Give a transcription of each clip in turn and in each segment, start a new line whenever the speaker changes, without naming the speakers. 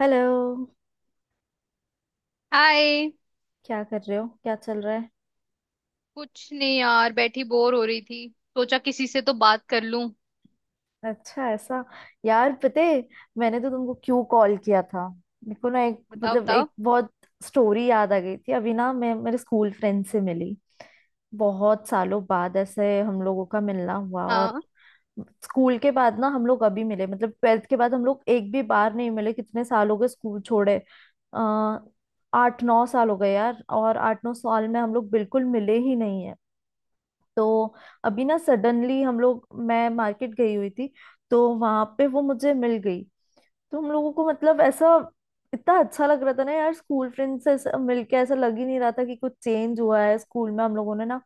Hello.
Hi.
क्या कर रहे हो? क्या चल रहा है?
कुछ नहीं यार, बैठी बोर हो रही थी। सोचा किसी से तो बात कर लूं।
अच्छा ऐसा। यार पता है, मैंने तो तुमको क्यों कॉल किया था। मेरे को ना एक
बताओ
मतलब
बताओ।
एक बहुत स्टोरी याद आ गई थी। अभी ना मैं मेरे स्कूल फ्रेंड से मिली, बहुत सालों बाद ऐसे हम लोगों का मिलना हुआ। और
हाँ।
स्कूल के बाद ना हम लोग अभी मिले, मतलब ट्वेल्थ के बाद हम लोग एक भी बार नहीं मिले। कितने साल हो गए स्कूल छोड़े? आ, 8 9 साल हो गए यार, और 8 9 साल में हम लोग बिल्कुल मिले ही नहीं। तो अभी ना सडनली हम लोग, मैं मार्केट गई हुई थी तो वहां पे वो मुझे मिल गई। तो हम लोगों को मतलब ऐसा इतना अच्छा लग रहा था ना यार, स्कूल फ्रेंड से ऐसा मिलके ऐसा लग ही नहीं रहा था कि कुछ चेंज हुआ है। स्कूल में हम लोगों ने ना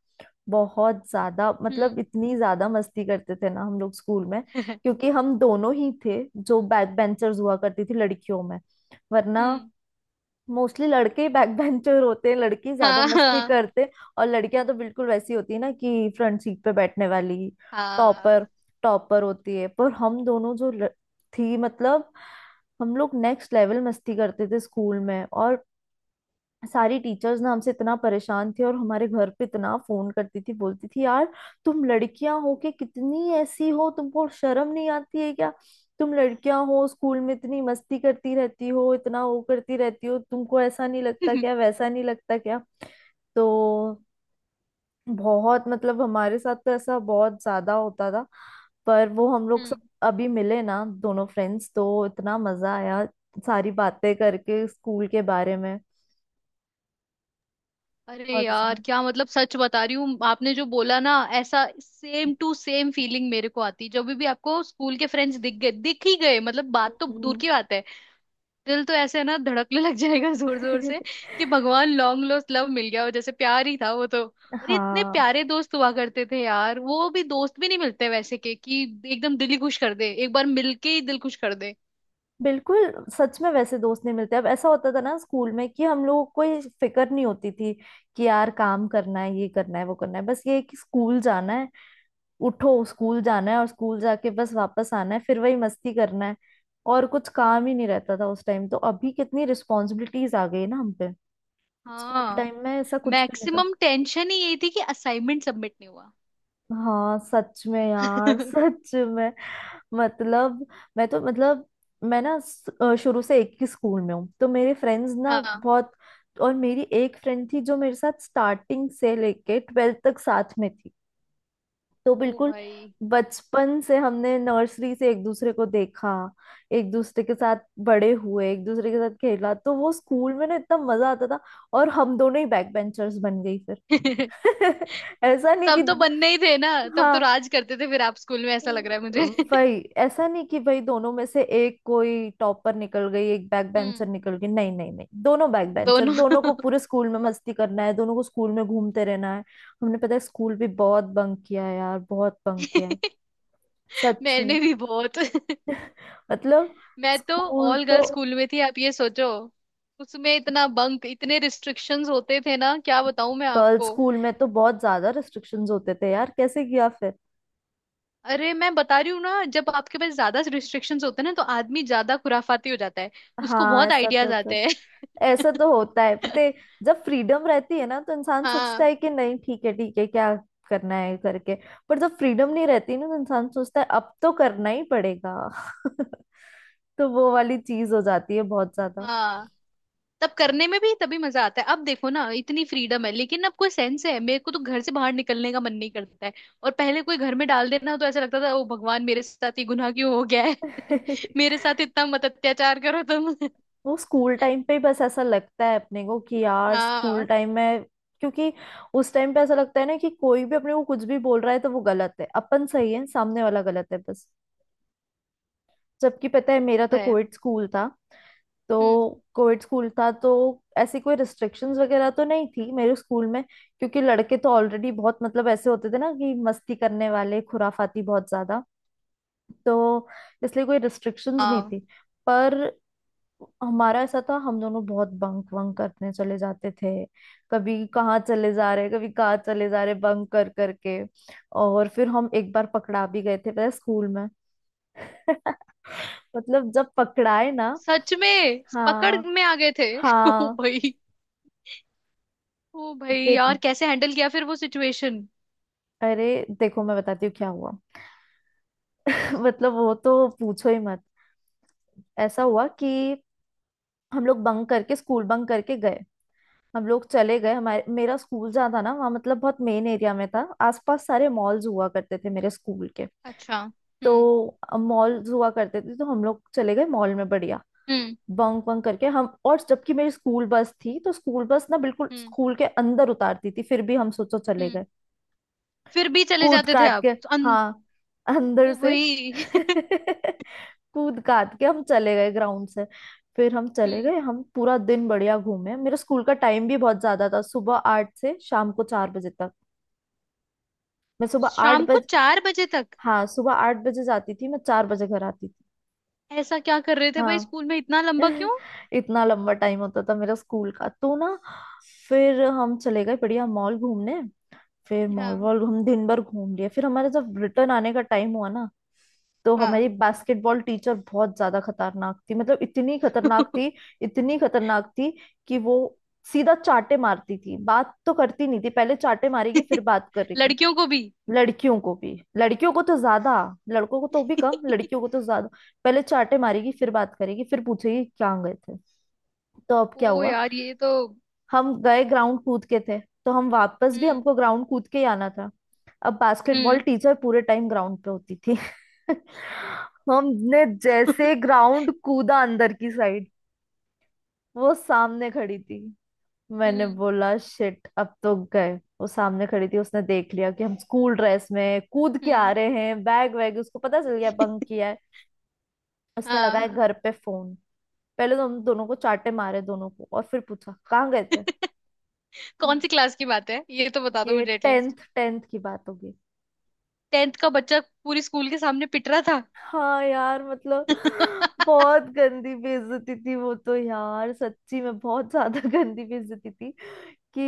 बहुत ज्यादा मतलब
हम्म।
इतनी ज्यादा मस्ती करते थे ना हम लोग स्कूल में, क्योंकि हम दोनों ही थे जो बैक बेंचर्स हुआ करती थी लड़कियों में। वरना
हम्म।
मोस्टली लड़के बैक बेंचर होते हैं, लड़के ज्यादा
हाँ
मस्ती
हाँ।
करते हैं। और लड़कियां तो बिल्कुल वैसी होती है ना, कि फ्रंट सीट पे बैठने वाली टॉपर
हाँ।
टॉपर होती है। पर हम दोनों जो थी, मतलब हम लोग नेक्स्ट लेवल मस्ती करते थे स्कूल में। और सारी टीचर्स ना हमसे इतना परेशान थी, और हमारे घर पे इतना फोन करती थी। बोलती थी, यार तुम लड़कियां हो के कितनी ऐसी हो, तुमको शर्म नहीं आती है क्या? तुम लड़कियां हो स्कूल में इतनी मस्ती करती रहती हो, इतना वो करती रहती हो। तुमको ऐसा नहीं लगता क्या, वैसा नहीं लगता क्या? तो बहुत मतलब हमारे साथ तो ऐसा बहुत ज्यादा होता था। पर वो हम लोग सब
हम्म।
अभी मिले ना दोनों फ्रेंड्स, तो इतना मजा आया सारी बातें करके स्कूल के बारे में।
अरे
बहुत अच्छा
यार
था।
क्या मतलब, सच बता रही हूँ आपने जो बोला ना, ऐसा सेम टू सेम फीलिंग मेरे को आती। जब भी आपको स्कूल के फ्रेंड्स दिख गए, दिख ही गए मतलब, बात तो दूर
हम्म।
की बात है, दिल तो ऐसे ना धड़कने लग जाएगा जोर जोर से कि भगवान, लॉन्ग लॉस्ट लव मिल गया हो जैसे। प्यार ही था वो तो। अरे इतने
हाँ।
प्यारे दोस्त हुआ करते थे यार, वो भी दोस्त भी नहीं मिलते वैसे के कि एकदम दिल ही खुश कर दे, एक बार मिलके ही दिल खुश कर दे।
बिल्कुल सच में वैसे दोस्त नहीं मिलते अब। ऐसा होता था ना स्कूल में कि हम लोगों को ये फिक्र नहीं होती थी कि यार काम करना है, ये करना है, वो करना है। बस ये है कि स्कूल जाना है, उठो स्कूल जाना है, और स्कूल जाके बस वापस आना है, फिर वही मस्ती करना है। और कुछ काम ही नहीं रहता था उस टाइम। तो अभी कितनी रिस्पॉन्सिबिलिटीज आ गई है ना हम पे। स्कूल
हाँ,
टाइम में ऐसा कुछ भी नहीं था।
मैक्सिमम टेंशन ही यही थी कि असाइनमेंट सबमिट नहीं हुआ।
हाँ सच में यार, सच में। मतलब मैं तो, मतलब मैं ना शुरू से एक ही स्कूल में हूँ, तो मेरे फ्रेंड्स ना
हाँ।
बहुत। और मेरी एक फ्रेंड थी जो मेरे साथ स्टार्टिंग से लेके ट्वेल्थ तक साथ में थी। तो
ओ
बिल्कुल
भाई।
बचपन से, हमने नर्सरी से एक दूसरे को देखा, एक दूसरे के साथ बड़े हुए, एक दूसरे के साथ खेला। तो वो स्कूल में ना इतना मजा आता था, और हम दोनों ही बैक बेंचर्स बन गई फिर। ऐसा नहीं कि,
तब तो बनने ही थे ना। तब तो
हाँ,
राज करते थे फिर आप स्कूल में, ऐसा लग रहा है मुझे।
वही ऐसा नहीं कि भाई दोनों में से एक कोई टॉपर निकल गई एक बैक बेंचर
हम्म।
निकल गई। नहीं नहीं नहीं, दोनों बैक बेंचर।
दोनों।
दोनों को पूरे स्कूल में मस्ती करना है, दोनों को स्कूल में घूमते रहना है। हमने पता है स्कूल भी बहुत बंक किया है यार, बहुत बंक किया है। सच में।
मैंने भी बहुत।
मतलब
मैं तो
स्कूल
ऑल
तो,
गर्ल्स स्कूल में थी, आप ये सोचो। उसमें इतना बंक, इतने रिस्ट्रिक्शंस होते थे ना, क्या बताऊं मैं
गर्ल्स
आपको।
स्कूल में तो बहुत ज्यादा रिस्ट्रिक्शंस होते थे यार, कैसे किया फिर?
अरे मैं बता रही हूँ ना, जब आपके पास ज्यादा रिस्ट्रिक्शंस होते हैं ना, तो आदमी ज्यादा खुराफाती हो जाता है। उसको
हाँ
बहुत
ऐसा तो
आइडियाज आते
था।
हैं।
ऐसा तो होता है पता है, जब फ्रीडम रहती है ना तो इंसान सोचता
हाँ।
है कि नहीं ठीक है, ठीक है क्या करना है करके। पर जब फ्रीडम नहीं रहती ना तो इंसान सोचता है अब तो करना ही पड़ेगा। तो वो वाली चीज हो जाती है बहुत ज्यादा।
हाँ, तब करने में भी तभी मजा आता है। अब देखो ना इतनी फ्रीडम है, लेकिन अब कोई सेंस है, मेरे को तो घर से बाहर निकलने का मन नहीं करता है। और पहले कोई घर में डाल देना तो ऐसा लगता था, ओ भगवान मेरे साथ ये गुनाह क्यों हो गया है। मेरे साथ इतना मत अत्याचार करो तुम।
वो स्कूल टाइम पे ही बस ऐसा लगता है अपने को कि यार स्कूल
हाँ।
टाइम में, क्योंकि उस टाइम पे ऐसा लगता है ना कि कोई भी अपने को कुछ भी बोल रहा है तो वो गलत है, अपन सही है, सामने वाला गलत है बस। जबकि पता है मेरा तो
है।
कोविड स्कूल था तो
हम्म।
कोविड स्कूल था तो ऐसी कोई रिस्ट्रिक्शंस वगैरह तो नहीं थी मेरे स्कूल में। क्योंकि लड़के तो ऑलरेडी बहुत मतलब ऐसे होते थे ना कि मस्ती करने वाले, खुराफाती बहुत ज्यादा। तो इसलिए कोई रिस्ट्रिक्शंस नहीं
हाँ,
थी। पर हमारा ऐसा था, हम दोनों बहुत बंक वंक करने चले जाते थे। कभी कहाँ चले जा रहे, कभी कहाँ चले जा रहे बंक कर करके। और फिर हम एक बार पकड़ा भी गए थे पता है स्कूल में। मतलब जब पकड़ाए ना,
सच में पकड़
हाँ
में आ गए थे। ओ
हाँ,
भाई। ओ भाई
फिर,
यार, कैसे हैंडल किया फिर वो सिचुएशन।
अरे देखो मैं बताती हूँ क्या हुआ। मतलब वो तो पूछो ही मत। ऐसा हुआ कि हम लोग बंक करके, स्कूल बंक करके गए। हम लोग चले गए, हमारे मेरा स्कूल जहाँ था ना वहाँ मतलब बहुत मेन एरिया में था, आसपास सारे मॉल्स हुआ करते थे मेरे स्कूल के।
अच्छा। हम्म।
तो मॉल्स हुआ करते थे, तो हम लोग चले गए मॉल में बढ़िया
हम्म।
बंक बंक करके हम। और जबकि मेरी स्कूल बस थी, तो स्कूल बस ना बिल्कुल
हम्म।
स्कूल के अंदर उतारती थी, फिर भी हम सोचो चले
हम्म।
गए।
फिर भी चले
कूद
जाते थे
काट
आप
के, हाँ, अंदर
ओ
से।
भाई।
कूद काट के हम चले गए ग्राउंड से। फिर हम चले
हम्म।
गए, हम पूरा दिन बढ़िया घूमे। मेरे स्कूल का टाइम भी बहुत ज्यादा था, सुबह 8 से शाम को 4 बजे तक। मैं सुबह आठ
शाम को
बजे
4 बजे तक?
हाँ, सुबह 8 बजे जाती थी, मैं 4 बजे घर आती थी।
ऐसा क्या कर रहे थे भाई
हाँ।
स्कूल में इतना लंबा क्यों।
इतना लंबा टाइम होता था मेरा स्कूल का तो ना। फिर हम चले गए बढ़िया मॉल घूमने। फिर मॉल
हाँ।
वॉल हम दिन भर घूम लिए, फिर हमारा जब रिटर्न आने का टाइम हुआ ना, तो हमारी
हाँ।
बास्केटबॉल टीचर बहुत ज्यादा खतरनाक थी, मतलब इतनी खतरनाक थी, इतनी खतरनाक थी कि वो सीधा चाटे मारती थी, बात तो करती नहीं थी। पहले चाटे मारेगी फिर बात करेगी।
लड़कियों को भी?
लड़कियों को भी, लड़कियों को तो ज्यादा, लड़कों को तो भी कम, लड़कियों को तो ज्यादा। पहले चाटे मारेगी फिर बात करेगी, फिर पूछेगी कहाँ गए थे। तो अब क्या
ओ
हुआ,
यार, ये तो।
हम गए ग्राउंड कूद के थे, तो हम वापस भी
हम्म।
हमको ग्राउंड कूद के ही आना था। अब बास्केटबॉल
हम्म।
टीचर पूरे टाइम ग्राउंड पे होती थी। हमने जैसे ग्राउंड कूदा अंदर की साइड, वो सामने खड़ी थी। मैंने
हम्म।
बोला शिट, अब तो गए। वो सामने खड़ी थी, उसने देख लिया कि हम स्कूल ड्रेस में कूद के आ
हम्म।
रहे हैं, बैग वैग, उसको पता चल गया बंक किया है। उसने लगाया
हाँ।
घर पे फोन। पहले तो हम दोनों को चाटे मारे दोनों को, और फिर पूछा कहाँ गए थे।
कौन सी क्लास की बात है, ये तो बता दो
ये
मुझे एटलीस्ट।
टेंथ टेंथ की बात होगी।
टेंथ का बच्चा पूरी स्कूल के सामने पिट रहा था।
हाँ यार, मतलब बहुत गंदी बेइज्जती थी वो तो यार, सच्ची में बहुत ज्यादा गंदी बेइज्जती थी कि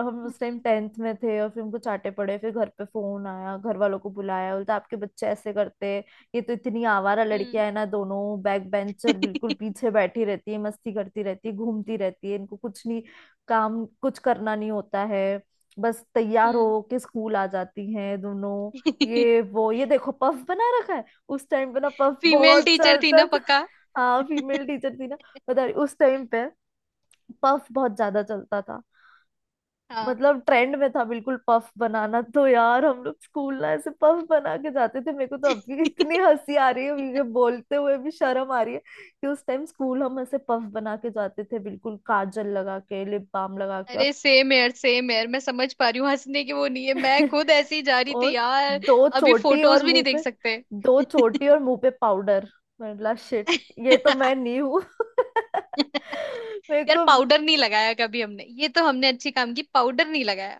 हम उस टाइम
हम्म।
10th में थे। और फिर हमको चाटे पड़े, फिर घर पे फोन आया, घर वालों को बुलाया, बोलता आपके बच्चे ऐसे करते, ये तो इतनी आवारा
हम्म।
लड़कियां है ना दोनों, बैक बेंचर बिल्कुल पीछे बैठी रहती है, मस्ती करती रहती है, घूमती रहती है, इनको कुछ नहीं, काम कुछ करना नहीं होता है, बस तैयार
हम्म।
हो के स्कूल आ जाती हैं दोनों। ये वो ये देखो पफ बना रखा है। उस टाइम पे ना पफ
फीमेल
बहुत
टीचर थी
चलता
ना
था।
पक्का?
हाँ फीमेल टीचर थी ना। बता रही, उस टाइम पे पफ बहुत ज्यादा चलता था,
हाँ।
मतलब ट्रेंड में था बिल्कुल। पफ बनाना तो यार हम लोग स्कूल ना ऐसे पफ बना के जाते थे। मेरे को तो अभी इतनी हंसी आ रही है, मुझे बोलते हुए भी शर्म आ रही है कि उस टाइम स्कूल हम ऐसे पफ बना के जाते थे, बिल्कुल काजल लगा के, लिप बाम लगा के। और
अरे सेम यार, सेम यार, मैं समझ पा रही हूँ। हंसने की वो नहीं है, मैं खुद ऐसी ही जा रही थी
और
यार।
दो
अभी
चोटी और
फोटोज भी नहीं
मुंह
देख
पे,
सकते।
दो चोटी और मुंह पे पाउडर, मतलब शिट, ये तो मैं नहीं हूँ। मेरे
यार
को
पाउडर नहीं लगाया कभी हमने, ये तो हमने अच्छी काम की, पाउडर नहीं लगाया।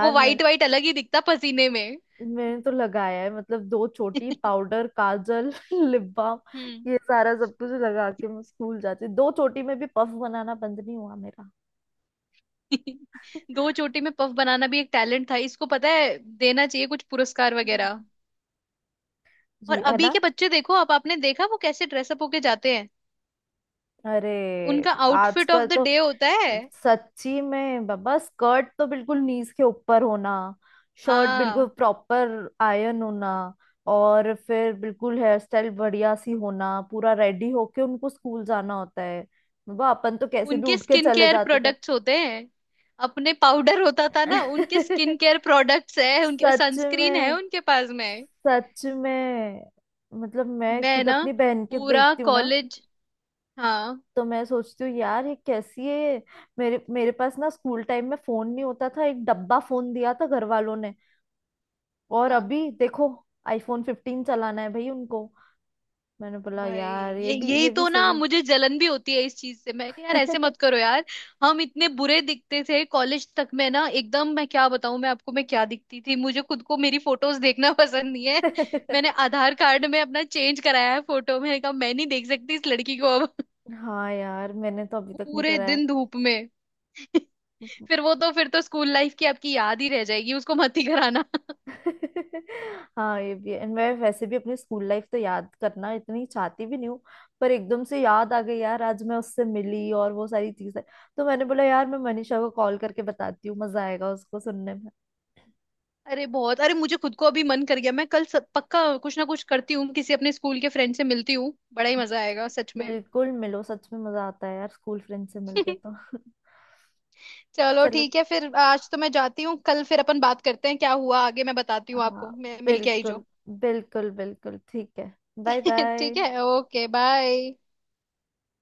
वो
मैं
वाइट वाइट अलग ही दिखता पसीने में।
मैंने तो लगाया है, मतलब दो छोटी, पाउडर, काजल, लिप बाम,
हम्म।
ये सारा सब कुछ लगा के मैं स्कूल जाती। दो छोटी में भी पफ बनाना बंद नहीं हुआ मेरा।
दो चोटी में पफ बनाना भी एक टैलेंट था, इसको पता है देना चाहिए कुछ पुरस्कार वगैरह।
हम्म।
और
जी है
अभी
ना।
के बच्चे देखो, अब आपने देखा वो कैसे ड्रेसअप होके जाते हैं।
अरे,
उनका आउटफिट ऑफ
आजकल
द
तो
डे होता है।
सच्ची में बाबा, स्कर्ट तो बिल्कुल नीज के ऊपर होना, शर्ट बिल्कुल
हाँ।
प्रॉपर आयन होना, और फिर बिल्कुल हेयर स्टाइल बढ़िया सी होना, पूरा रेडी होके उनको स्कूल जाना होता है। बाबा अपन तो कैसे भी
उनके
उठ के
स्किन
चले
केयर
जाते
प्रोडक्ट्स होते हैं। अपने पाउडर होता था ना, उनके
थे।
स्किन केयर प्रोडक्ट्स है, उनके
सच
सनस्क्रीन है
में,
उनके पास में।
सच में। मतलब मैं
मैं
खुद
ना
अपनी बहन के
पूरा
देखती हूँ ना,
कॉलेज। हाँ।
तो मैं सोचती हूँ यार ये कैसी है। मेरे मेरे पास ना स्कूल टाइम में फोन नहीं होता था, एक डब्बा फोन दिया था घर वालों ने। और
हाँ।
अभी देखो आईफोन 15 चलाना है भाई उनको। मैंने बोला
भाई,
यार ये
ये
भी
यही
ये भी
तो
सही
ना,
है।
मुझे जलन भी होती है इस चीज से। मैं कहा, यार ऐसे मत करो यार। हम इतने बुरे दिखते थे कॉलेज तक में ना एकदम, मैं क्या बताऊं मैं आपको, मैं क्या दिखती थी, मुझे खुद को मेरी फोटोज देखना पसंद नहीं है। मैंने आधार कार्ड में अपना चेंज कराया है फोटो, मैंने कहा मैं नहीं देख सकती इस लड़की को अब।
हाँ यार, मैंने तो अभी तक नहीं
पूरे
करा
दिन धूप में।
है।
फिर वो तो, फिर तो स्कूल लाइफ की आपकी याद ही रह जाएगी, उसको मत ही कराना।
हाँ ये भी है। And मैं वैसे भी अपनी स्कूल लाइफ तो याद करना इतनी चाहती भी नहीं हूँ, पर एकदम से याद आ गई यार आज मैं उससे मिली और वो सारी चीजें। तो मैंने बोला यार मैं मनीषा को कॉल करके बताती हूँ, मजा आएगा उसको सुनने में।
अरे बहुत, अरे मुझे खुद को अभी मन कर गया, मैं कल सब, पक्का कुछ ना कुछ करती हूँ, किसी अपने स्कूल के फ्रेंड से मिलती हूँ, बड़ा ही मजा आएगा सच में।
बिल्कुल मिलो, सच में मजा आता है यार स्कूल फ्रेंड से मिलके तो।
चलो
चलो।
ठीक है, फिर आज तो मैं जाती हूँ, कल फिर अपन बात करते हैं, क्या हुआ आगे मैं बताती हूँ
हाँ,
आपको, मैं मिल के आई
बिल्कुल।
जो।
बिल्कुल बिल्कुल ठीक है। बाय
ठीक
बाय।
है, ओके बाय।